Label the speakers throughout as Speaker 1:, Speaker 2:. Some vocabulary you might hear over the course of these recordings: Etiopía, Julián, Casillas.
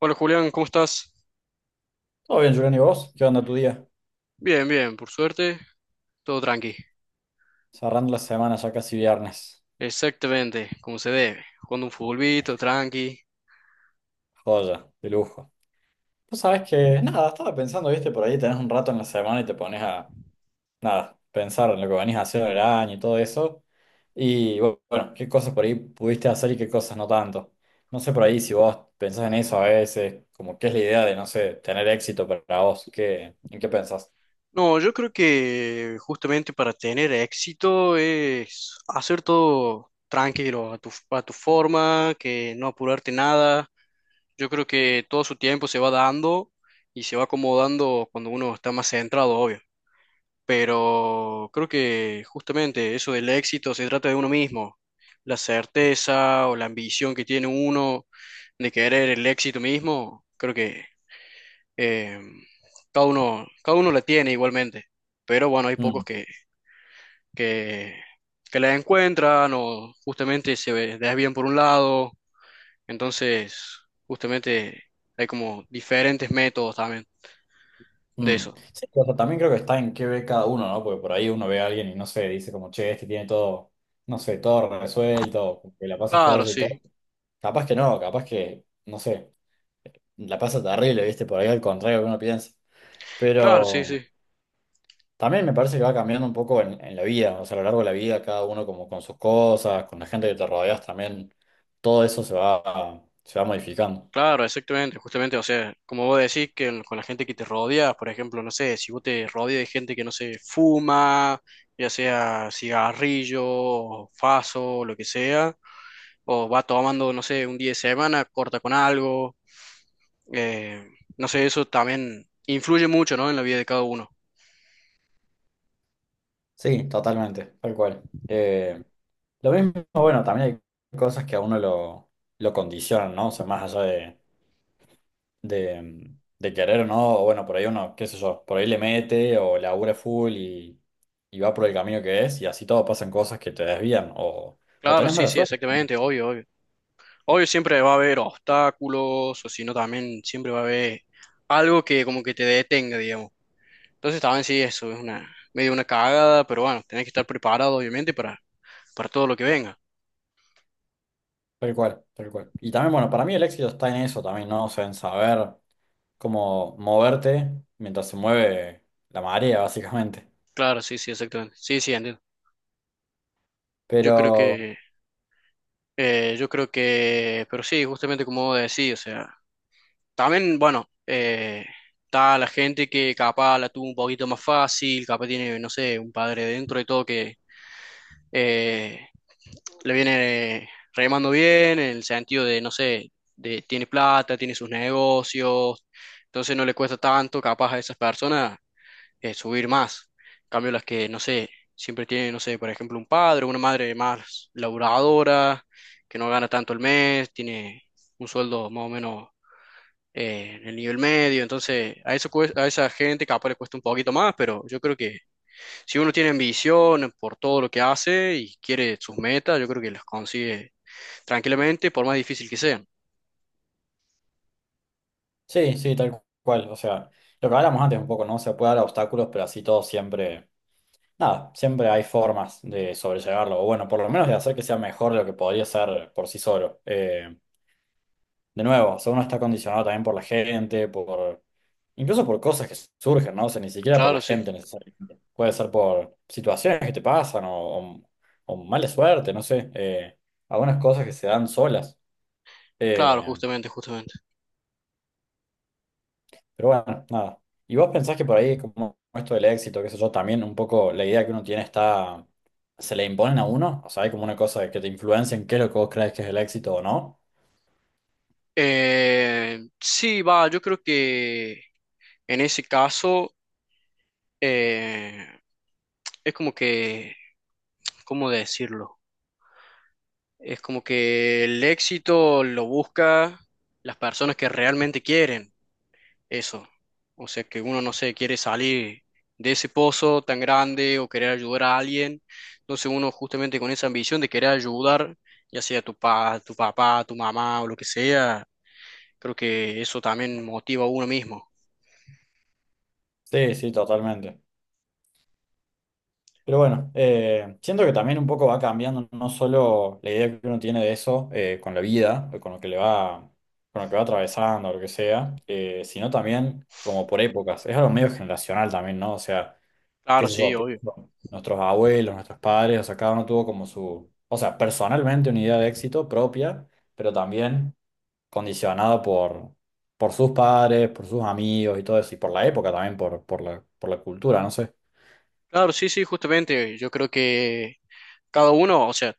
Speaker 1: Hola Julián, ¿cómo estás?
Speaker 2: Todo bien, Julián, ¿y vos? ¿Qué onda tu día?
Speaker 1: Bien, bien, por suerte, todo tranqui.
Speaker 2: Cerrando la semana, ya casi viernes.
Speaker 1: Exactamente, como se debe, jugando un futbolito, tranqui.
Speaker 2: Joya, de lujo. Vos sabés que, nada, estaba pensando, viste, por ahí tenés un rato en la semana y te pones a, nada, pensar en lo que venís a hacer el año y todo eso. Y bueno, qué cosas por ahí pudiste hacer y qué cosas no tanto. No sé, por ahí si vos pensás en eso a veces, como qué es la idea de, no sé, tener éxito para vos, ¿qué, en qué pensás?
Speaker 1: No, yo creo que justamente para tener éxito es hacer todo tranquilo, a tu forma, que no apurarte nada. Yo creo que todo su tiempo se va dando y se va acomodando cuando uno está más centrado, obvio. Pero creo que justamente eso del éxito se trata de uno mismo, la certeza o la ambición que tiene uno de querer el éxito mismo, creo que eh, cada uno la tiene igualmente, pero bueno, hay pocos
Speaker 2: Hmm.
Speaker 1: que, que la encuentran o justamente desvían por un lado, entonces justamente hay como diferentes métodos también de
Speaker 2: Mm.
Speaker 1: eso.
Speaker 2: Sí, o sea, también creo que está en qué ve cada uno, ¿no? Porque por ahí uno ve a alguien y no sé, dice como, che, este tiene todo, no sé, todo resuelto, que la pasa
Speaker 1: Claro,
Speaker 2: joya y
Speaker 1: sí,
Speaker 2: todo. Capaz que, no sé, la pasa terrible, ¿viste? Por ahí al contrario que uno piensa.
Speaker 1: claro, sí,
Speaker 2: Pero
Speaker 1: sí.
Speaker 2: también me parece que va cambiando un poco en la vida, o sea, a lo largo de la vida, cada uno como con sus cosas, con la gente que te rodeas también, todo eso se va modificando.
Speaker 1: Claro, exactamente, justamente, o sea, como vos decís, que con la gente que te rodea, por ejemplo, no sé, si vos te rodeas de gente que no se fuma, ya sea cigarrillo, o faso, o lo que sea, o va tomando, no sé, un día de semana, corta con algo, eh, no sé, eso también influye mucho, ¿no? En la vida de cada uno.
Speaker 2: Sí, totalmente, tal cual. Lo mismo, bueno, también hay cosas que a uno lo condicionan, ¿no? O sea, más allá de querer o no, o bueno, por ahí uno, qué sé yo, por ahí le mete o labura full y va por el camino que es, y así todo pasan cosas que te desvían o
Speaker 1: Claro,
Speaker 2: tenés
Speaker 1: sí,
Speaker 2: mala
Speaker 1: sí,
Speaker 2: suerte.
Speaker 1: exactamente, obvio, obvio. Obvio siempre va a haber obstáculos, o si no, también siempre va a haber algo que como que te detenga, digamos. Entonces también sí, eso es una medio una cagada, pero bueno, tenés que estar preparado obviamente para todo lo que venga.
Speaker 2: Tal cual, tal cual. Y también, bueno, para mí el éxito está en eso también, ¿no? O sea, en saber cómo moverte mientras se mueve la marea, básicamente.
Speaker 1: Claro, sí, sí, exactamente. Sí, sí, entiendo. Yo creo
Speaker 2: Pero.
Speaker 1: que, yo creo que, pero sí, justamente como decía, o sea, también, bueno, está la gente que capaz la tuvo un poquito más fácil, capaz tiene, no sé, un padre dentro y todo que, eh, le viene remando bien en el sentido de, no sé, de tiene plata, tiene sus negocios, entonces no le cuesta tanto capaz a esas personas subir más. En cambio, las que, no sé, siempre tienen, no sé, por ejemplo, un padre, una madre más laburadora, que no gana tanto el mes, tiene un sueldo más o menos en el nivel medio, entonces a esa gente capaz le cuesta un poquito más, pero yo creo que si uno tiene ambición por todo lo que hace y quiere sus metas, yo creo que las consigue tranquilamente, por más difícil que sean.
Speaker 2: Sí, sí, tal cual. O sea, lo que hablamos antes un poco, ¿no? Se puede dar obstáculos, pero así todo siempre, nada, siempre hay formas de sobrellevarlo, o bueno, por lo menos de hacer que sea mejor de lo que podría ser por sí solo. De nuevo, o sea, uno está condicionado también por la gente, por, incluso por cosas que surgen, ¿no? O sea, ni siquiera por la
Speaker 1: Claro, sí,
Speaker 2: gente necesariamente. Puede ser por situaciones que te pasan o mala suerte, no sé, algunas cosas que se dan solas.
Speaker 1: claro,
Speaker 2: Eh,
Speaker 1: justamente, justamente.
Speaker 2: Pero bueno, nada. ¿Y vos pensás que por ahí, como esto del éxito, qué sé yo, también un poco la idea que uno tiene está, se le imponen a uno? O sea, hay como una cosa de que te influencia en qué es lo que vos crees que es el éxito o no.
Speaker 1: Sí, va, yo creo que en ese caso eh, es como que, ¿cómo decirlo? Es como que el éxito lo busca las personas que realmente quieren eso. O sea, que uno no sé, quiere salir de ese pozo tan grande o querer ayudar a alguien. Entonces uno justamente con esa ambición de querer ayudar, ya sea tu papá, tu mamá o lo que sea, creo que eso también motiva a uno mismo.
Speaker 2: Sí, sí, totalmente. Pero bueno, siento que también un poco va cambiando no solo la idea que uno tiene de eso, con la vida, o con lo que le va, con lo que va atravesando, o lo que sea, sino también como por épocas. Es algo medio generacional también, ¿no? O sea. Que
Speaker 1: Claro,
Speaker 2: se
Speaker 1: sí,
Speaker 2: eso?
Speaker 1: obvio.
Speaker 2: Pienso, nuestros abuelos, nuestros padres, o sea, cada uno tuvo como su, o sea, personalmente una idea de éxito propia, pero también condicionada por sus padres, por sus amigos y todo eso, y por la época también, por la cultura, no sé.
Speaker 1: Claro, sí, sí, justamente. Yo creo que cada uno, o sea,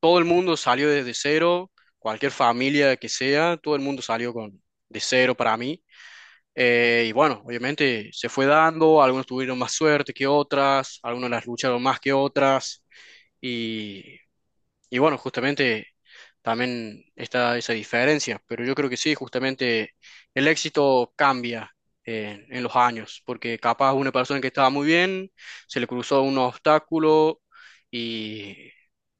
Speaker 1: todo el mundo salió desde cero, cualquier familia que sea, todo el mundo salió con de cero para mí. Y bueno, obviamente se fue dando, algunos tuvieron más suerte que otras, algunos las lucharon más que otras. y y bueno, justamente también está esa diferencia, pero yo creo que sí, justamente el éxito cambia en los años, porque capaz una persona que estaba muy bien, se le cruzó un obstáculo y,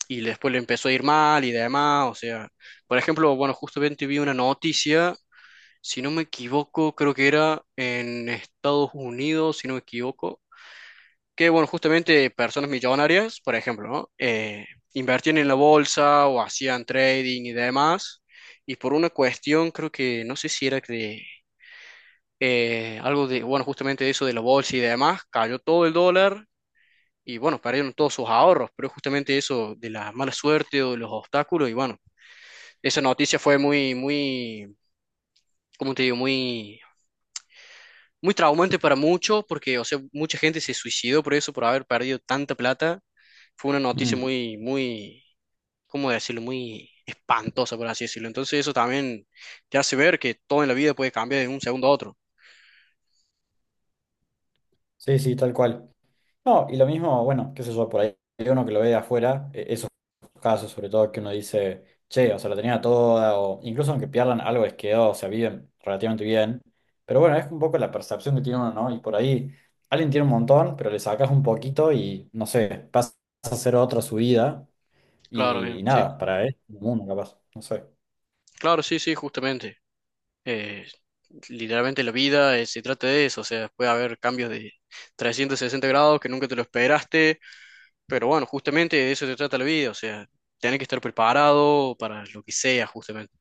Speaker 1: y después le empezó a ir mal y demás, o sea, por ejemplo, bueno, justamente vi una noticia, si no me equivoco, creo que era en Estados Unidos, si no me equivoco que, bueno, justamente personas millonarias, por ejemplo, ¿no? Invertían en la bolsa o hacían trading y demás, y por una cuestión, creo que, no sé si era de algo de, bueno, justamente eso de la bolsa y demás, cayó todo el dólar y, bueno, perdieron todos sus ahorros, pero justamente eso de la mala suerte o de los obstáculos, y bueno, esa noticia fue muy, muy, ¿cómo te digo? Muy muy traumante para muchos, porque, o sea, mucha gente se suicidó por eso, por haber perdido tanta plata. Fue una noticia
Speaker 2: Mm.
Speaker 1: muy, muy, ¿cómo decirlo? Muy espantosa, por así decirlo. Entonces eso también te hace ver que todo en la vida puede cambiar de un segundo a otro.
Speaker 2: Sí, sí, tal cual. No, y lo mismo, bueno, qué sé yo, por ahí hay uno que lo ve de afuera, esos casos sobre todo que uno dice, che, o sea, la tenía toda, o incluso aunque pierdan algo les quedó, o sea, viven relativamente bien. Pero bueno, es un poco la percepción que tiene uno, ¿no? Y por ahí alguien tiene un montón, pero le sacas un poquito y, no sé, pasa a ser otra su vida
Speaker 1: Claro,
Speaker 2: y,
Speaker 1: bien, sí.
Speaker 2: nada, para él, uno capaz, no sé.
Speaker 1: Claro, sí, sí, justamente. Eh, literalmente la vida se trata de eso, o sea, puede haber cambios de 360 grados que nunca te lo esperaste, pero bueno, justamente de eso se trata la vida, o sea, tenés que estar preparado para lo que sea, justamente.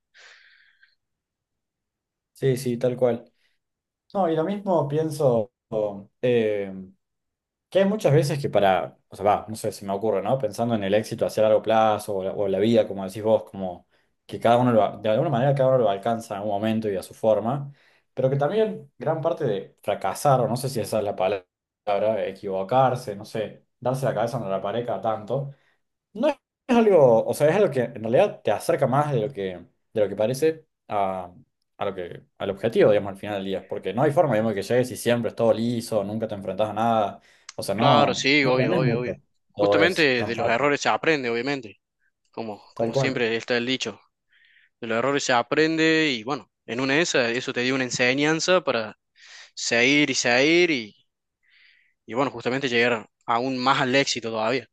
Speaker 2: Sí, sí, tal cual. No, y lo mismo pienso, eh, que hay muchas veces que para, o sea, va, no sé, se me ocurre, ¿no? Pensando en el éxito hacia largo plazo o la vida, como decís vos, como que cada uno lo, de alguna manera cada uno lo alcanza en un momento y a su forma, pero que también gran parte de fracasar, o no sé si esa es la palabra, equivocarse, no sé, darse la cabeza en la pared cada tanto, no es algo, o sea, es algo que en realidad te acerca más de lo que parece a lo que, al objetivo, digamos, al final del día. Porque no hay forma, digamos, que llegues y siempre es todo liso, nunca te enfrentas a nada. O sea,
Speaker 1: Claro,
Speaker 2: no,
Speaker 1: sí,
Speaker 2: no
Speaker 1: obvio,
Speaker 2: aprendes
Speaker 1: obvio, obvio.
Speaker 2: mucho. Todo es
Speaker 1: Justamente
Speaker 2: tan
Speaker 1: de los
Speaker 2: fácil.
Speaker 1: errores se aprende, obviamente, como,
Speaker 2: Tal
Speaker 1: como
Speaker 2: cual.
Speaker 1: siempre está el dicho. De los errores se aprende y bueno, en una de esas, eso te dio una enseñanza para seguir y seguir y bueno, justamente llegar aún más al éxito todavía.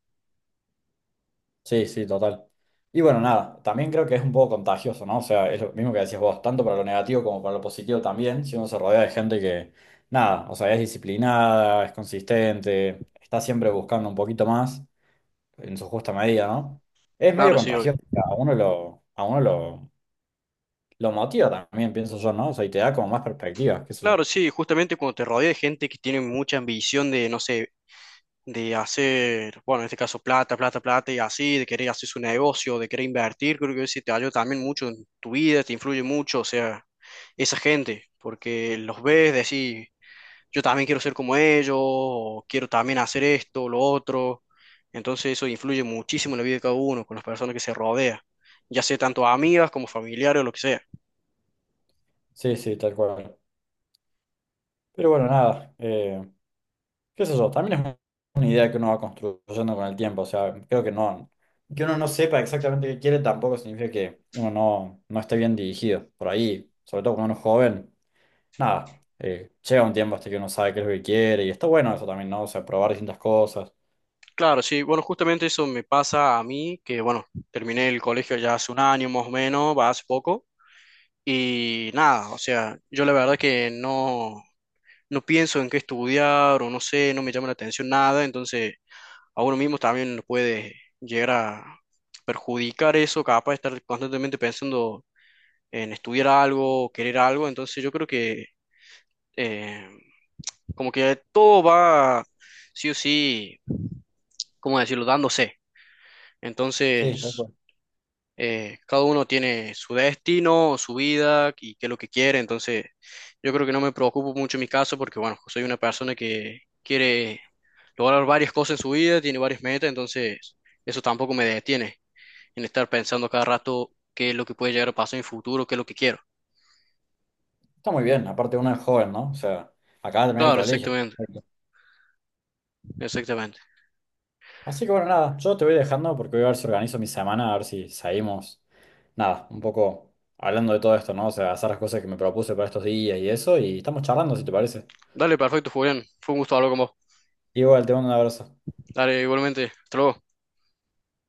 Speaker 2: Sí, sí, total. Y bueno, nada, también creo que es un poco contagioso, ¿no? O sea, es lo mismo que decías vos, tanto para lo negativo como para lo positivo también, si uno se rodea de gente que, nada, o sea, es disciplinada, es consistente, está siempre buscando un poquito más, en su justa medida, ¿no? Es medio
Speaker 1: Claro, sí, obvio.
Speaker 2: contagioso, o sea, lo motiva también, pienso yo, ¿no? O sea, y te da como más perspectivas, qué sé yo.
Speaker 1: Claro, sí, justamente cuando te rodea de gente que tiene mucha ambición de, no sé, de hacer, bueno, en este caso plata, plata, plata y así, de querer hacer su negocio, de querer invertir, creo que eso te ayuda también mucho en tu vida, te influye mucho, o sea, esa gente, porque los ves, decís, yo también quiero ser como ellos, o quiero también hacer esto, lo otro, entonces eso influye muchísimo en la vida de cada uno, con las personas que se rodea. Ya sea tanto amigas como familiares o lo que sea.
Speaker 2: Sí, sí, tal cual. Pero bueno, nada, qué sé yo, también es una idea que uno va construyendo con el tiempo, o sea, creo que no, que uno no sepa exactamente qué quiere tampoco significa que uno no, no esté bien dirigido. Por ahí, sobre todo cuando uno es joven, nada, llega un tiempo hasta que uno sabe qué es lo que quiere y está bueno eso también, ¿no? O sea, probar distintas cosas.
Speaker 1: Claro, sí, bueno, justamente eso me pasa a mí, que bueno, terminé el colegio ya hace 1 año más o menos, va hace poco, y nada, o sea, yo la verdad que no, no pienso en qué estudiar o no sé, no me llama la atención nada, entonces a uno mismo también nos puede llegar a perjudicar eso, capaz de estar constantemente pensando en estudiar algo, querer algo, entonces yo creo que eh, como que todo va sí o sí, ¿cómo decirlo?, dándose.
Speaker 2: Sí, tal
Speaker 1: Entonces...
Speaker 2: cual.
Speaker 1: cada uno tiene su destino, su vida y qué es lo que quiere, entonces yo creo que no me preocupo mucho en mi caso porque, bueno, soy una persona que quiere lograr varias cosas en su vida, tiene varias metas, entonces eso tampoco me detiene en estar pensando cada rato qué es lo que puede llegar a pasar en el futuro, qué es lo que quiero.
Speaker 2: Está muy bien, aparte uno es joven, ¿no? O sea, acaba de terminar el
Speaker 1: Claro,
Speaker 2: colegio.
Speaker 1: exactamente,
Speaker 2: Perfecto.
Speaker 1: exactamente.
Speaker 2: Así que bueno, nada, yo te voy dejando porque voy a ver si organizo mi semana, a ver si salimos, nada, un poco hablando de todo esto, ¿no? O sea, hacer las cosas que me propuse para estos días y eso, y estamos charlando, si te parece.
Speaker 1: Dale, perfecto, Julián. Fue un gusto hablar con vos.
Speaker 2: Igual, te mando un abrazo.
Speaker 1: Dale, igualmente. Hasta luego.